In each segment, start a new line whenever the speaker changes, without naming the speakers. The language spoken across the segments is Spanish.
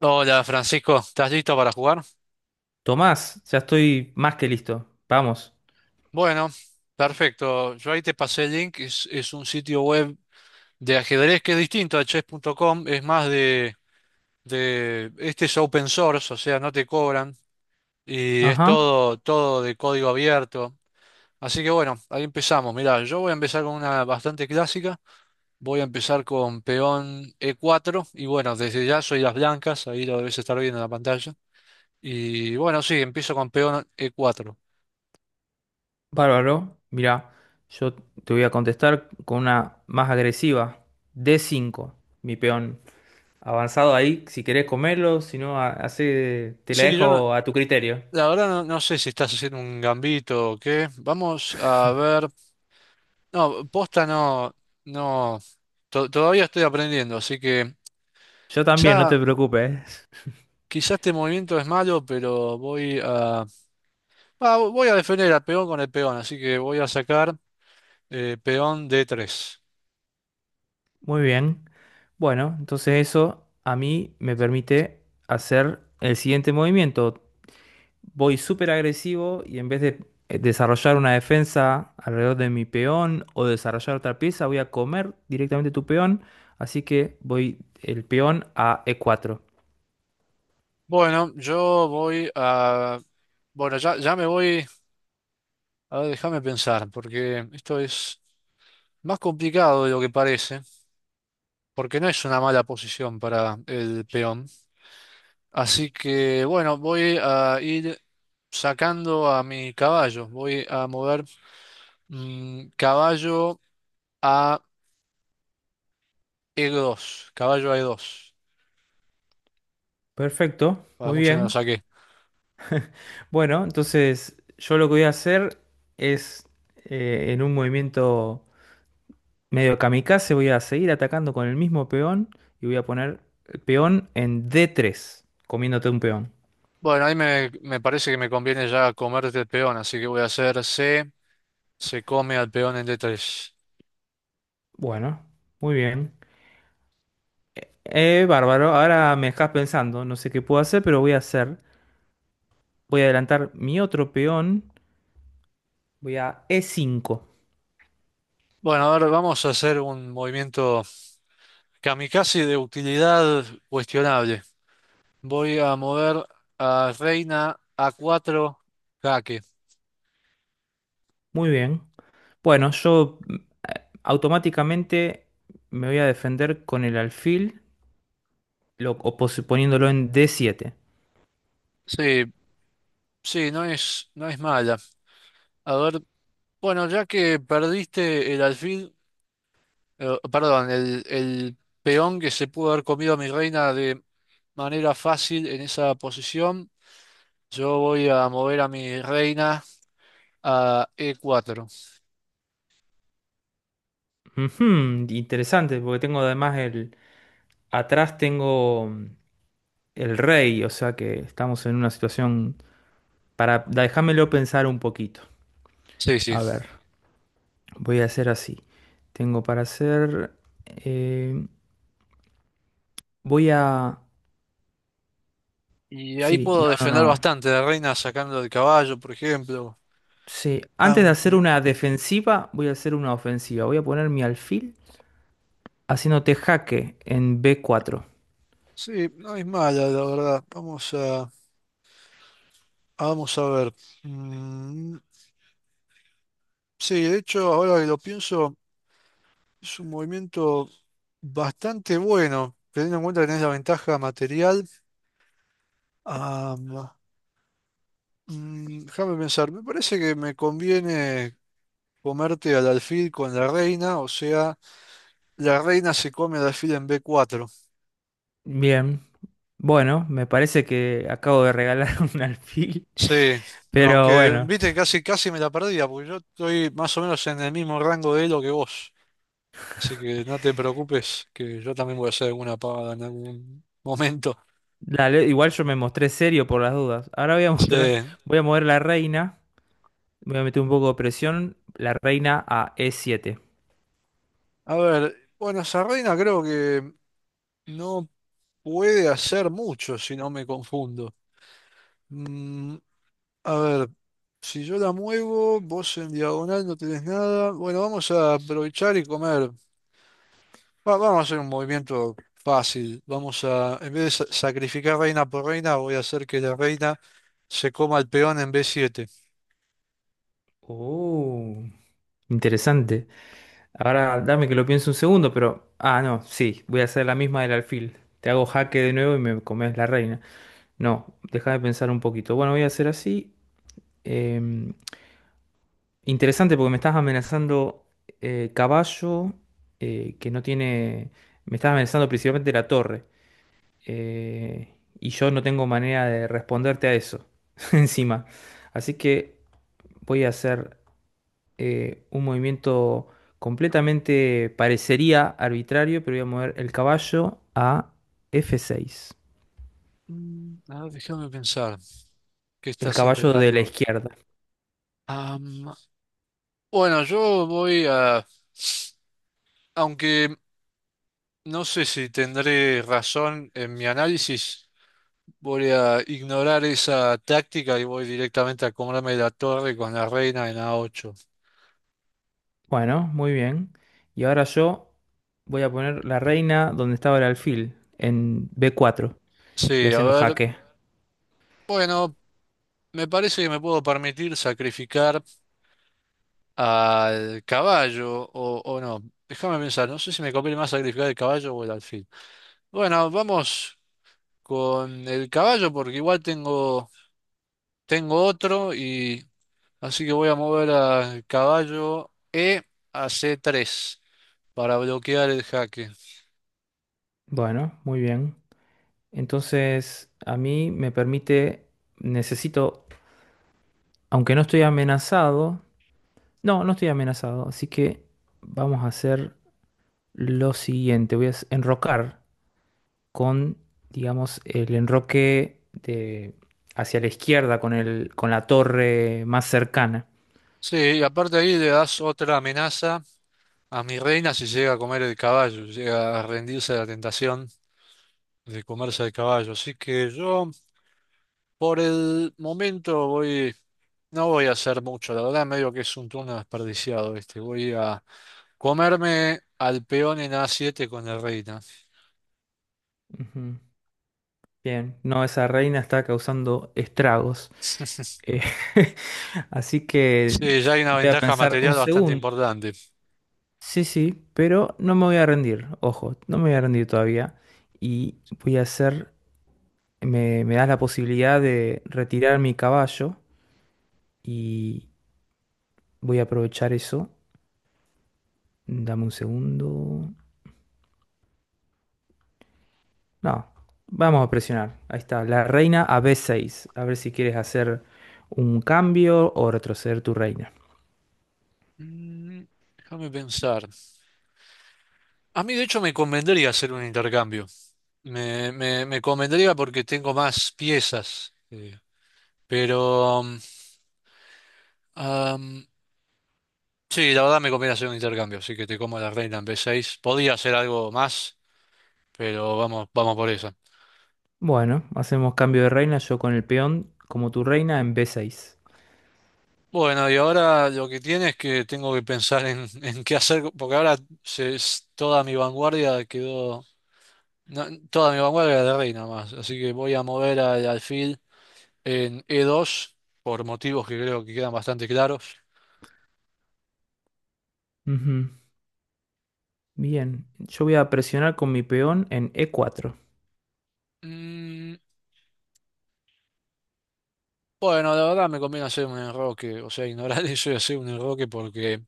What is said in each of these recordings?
Hola Francisco, ¿estás listo para jugar?
Tomás, ya estoy más que listo. Vamos.
Bueno, perfecto. Yo ahí te pasé el link, es un sitio web de ajedrez que es distinto a chess.com, es más de. Este es open source, o sea, no te cobran y es
Ajá.
todo, todo de código abierto. Así que bueno, ahí empezamos. Mirá, yo voy a empezar con una bastante clásica. Voy a empezar con peón E4 y bueno, desde ya soy las blancas, ahí lo debes estar viendo en la pantalla. Y bueno, sí, empiezo con peón E4.
Bárbaro. Mirá, yo te voy a contestar con una más agresiva. D5, mi peón. Avanzado ahí, si querés comerlo, si no, hace, te la
Sí, yo no,
dejo a tu criterio.
la verdad no. No sé si estás haciendo un gambito o qué. Vamos a ver. No, posta no, no. Todavía estoy aprendiendo, así que
Yo también, no
quizá,
te preocupes.
quizá este movimiento es malo, pero voy a defender al peón con el peón, así que voy a sacar peón D3.
Muy bien. Bueno, entonces eso a mí me permite hacer el siguiente movimiento. Voy súper agresivo y en vez de desarrollar una defensa alrededor de mi peón o desarrollar otra pieza, voy a comer directamente tu peón. Así que voy el peón a E4.
Bueno, ya me voy. A ver, déjame pensar, porque esto es más complicado de lo que parece, porque no es una mala posición para el peón. Así que bueno, voy a ir sacando a mi caballo. Voy a mover caballo a E2. Caballo a E2.
Perfecto,
Para
muy
mucho no lo
bien.
saqué.
Bueno, entonces yo lo que voy a hacer es en un movimiento medio kamikaze, voy a seguir atacando con el mismo peón y voy a poner el peón en D3, comiéndote un peón.
Bueno, ahí me parece que me conviene ya comerte el peón, así que voy a hacer C. Se come al peón en D3.
Bueno, muy bien. Bárbaro, ahora me dejas pensando, no sé qué puedo hacer, pero voy a hacer. Voy a adelantar mi otro peón, voy a E5.
Bueno, ahora vamos a hacer un movimiento kamikaze de utilidad cuestionable. Voy a mover a reina a cuatro, jaque.
Muy bien. Bueno, yo automáticamente me voy a defender con el alfil, poniéndolo en D7.
Sí, sí, no es mala. A ver, bueno, ya que perdiste el alfil, perdón, el peón que se pudo haber comido a mi reina de manera fácil en esa posición, yo voy a mover a mi reina a E4.
Ujú, interesante, porque tengo además el... Atrás tengo el rey, o sea que estamos en una situación para... Déjamelo pensar un poquito.
Sí, sí.
A ver. Voy a hacer así. Tengo para hacer. eh, Voy a.
Y ahí
Sí,
puedo
no, no,
defender
no.
bastante la reina sacando el caballo, por ejemplo.
Sí, antes de hacer
Aunque,
una defensiva, voy a hacer una ofensiva. Voy a poner mi alfil haciéndote jaque en B4.
sí, no es mala, la verdad. Vamos a ver. Mm, sí, de hecho, ahora que lo pienso. Es un movimiento bastante bueno, teniendo en cuenta que tenés la ventaja material. Ah, déjame pensar, me parece que me conviene comerte al alfil con la reina, o sea, la reina se come al alfil en B4.
Bien. Bueno, me parece que acabo de regalar un alfil.
Sí,
Pero
aunque
bueno,
viste, casi, casi me la perdía, porque yo estoy más o menos en el mismo rango de elo que vos. Así que no te preocupes, que yo también voy a hacer alguna pagada en algún momento.
dale, igual yo me mostré serio por las dudas. Ahora voy a
Sí.
mostrar. Voy a mover la reina. Voy a meter un poco de presión. La reina a E7.
A ver, bueno, esa reina creo que no. Puede hacer mucho si no me confundo. Mm, a ver, si yo la muevo, vos en diagonal no tenés nada. Bueno, vamos a aprovechar y comer. Vamos a hacer un movimiento fácil. En vez de sacrificar reina por reina, voy a hacer que la reina se coma el peón en B7.
Oh, interesante. Ahora dame que lo piense un segundo, pero... Ah, no, sí, voy a hacer la misma del alfil. Te hago jaque de nuevo y me comes la reina. No, deja de pensar un poquito. Bueno, voy a hacer así. em, Interesante porque me estás amenazando caballo que no tiene... Me estás amenazando principalmente la torre. eh, y yo no tengo manera de responderte a eso encima. Así que voy a hacer un movimiento completamente parecería arbitrario, pero voy a mover el caballo a F6,
Mm, a ver, déjame pensar. ¿Qué
el
estás
caballo de la
intentando?
izquierda.
Am, bueno, aunque no sé si tendré razón en mi análisis. Voy a ignorar esa táctica y voy directamente a comerme la torre con la reina en A8.
Bueno, muy bien. Y ahora yo voy a poner la reina donde estaba el alfil, en B4, y
Sí, a
haciendo
ver.
jaque.
Bueno, me parece que me puedo permitir sacrificar al caballo o no. Déjame pensar, no sé si me conviene más sacrificar el caballo o el alfil. Bueno, vamos con el caballo porque igual tengo otro y así que voy a mover al caballo E a C3 para bloquear el jaque.
Bueno, muy bien. Entonces, a mí me permite, necesito, aunque no estoy amenazado, no, no estoy amenazado, así que vamos a hacer lo siguiente, voy a enrocar con, digamos, el enroque de, hacia la izquierda, con la torre más cercana.
Sí, y aparte ahí le das otra amenaza a mi reina si llega a comer el caballo, llega a rendirse a la tentación de comerse el caballo. Así que yo por el momento no voy a hacer mucho, la verdad medio que es un turno desperdiciado este, voy a comerme al peón en A7 con la reina.
Ujú. Bien, no, esa reina está causando estragos. Eh, así que
Sí, ya hay una
voy a
ventaja
pensar un
material bastante
segundo.
importante.
Sí, sí, pero no me voy a rendir, ojo, no me voy a rendir todavía. Y voy a hacer, me das la posibilidad de retirar mi caballo y voy a aprovechar eso. Dame un segundo. No, vamos a presionar. Ahí está, la reina a b seis. A ver si quieres hacer un cambio o retroceder tu reina.
Mm, Déjame pensar. A mí de hecho me convendría hacer un intercambio. Me convendría porque tengo más piezas. Pero am, sí, la verdad me conviene hacer un intercambio, así que te como la reina en B6. Podía hacer algo más, pero vamos, vamos por esa.
Bueno, hacemos cambio de reina, yo con el peón como tu reina en b seis.
Bueno, y ahora lo que tiene es que tengo que pensar en, en qué hacer, porque ahora toda mi vanguardia quedó. No, toda mi vanguardia era de reina más, así que voy a mover al alfil en E2 por motivos que creo que quedan bastante claros.
Ujú. Bien, yo voy a presionar con mi peón en e cuatro.
Mm, Bueno, la verdad me conviene hacer un enroque, o sea, ignorar eso y hacer un enroque porque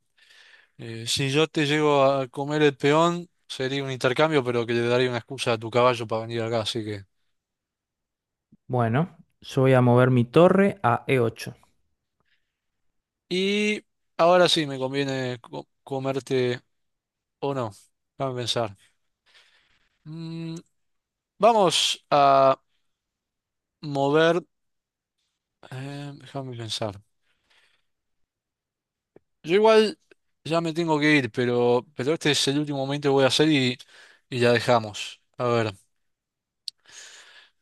si yo te llego a comer el peón, sería un intercambio, pero que le daría una excusa a tu caballo para venir acá, así que...
Bueno, yo voy a mover mi torre a e ocho.
Y ahora sí, me conviene comerte o no, déjame pensar. Mm, vamos a mover, Déjame pensar. Yo igual ya me tengo que ir, pero este es el último momento que voy a hacer y ya dejamos. A ver.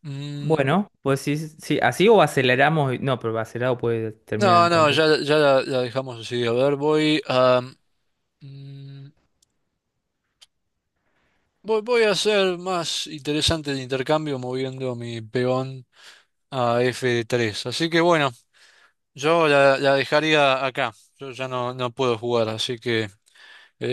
Mm,
Bueno, pues sí, sí, así o aceleramos. No, pero acelerado puede terminar
no,
en
no,
cualquier.
ya la dejamos así. A ver, mm, voy a hacer más interesante el intercambio moviendo mi peón a F3. Así que bueno, yo la dejaría acá. Yo ya no puedo jugar, así que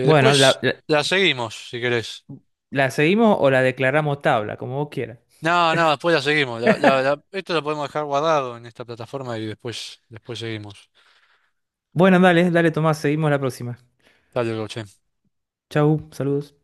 Bueno,
la seguimos, si querés.
la seguimos o la declaramos tabla, como vos quieras.
No, no, después la seguimos. Esto lo podemos dejar guardado en esta plataforma y después seguimos.
Bueno, dale, dale, Tomás, seguimos la próxima.
Dale, che.
Chau, saludos.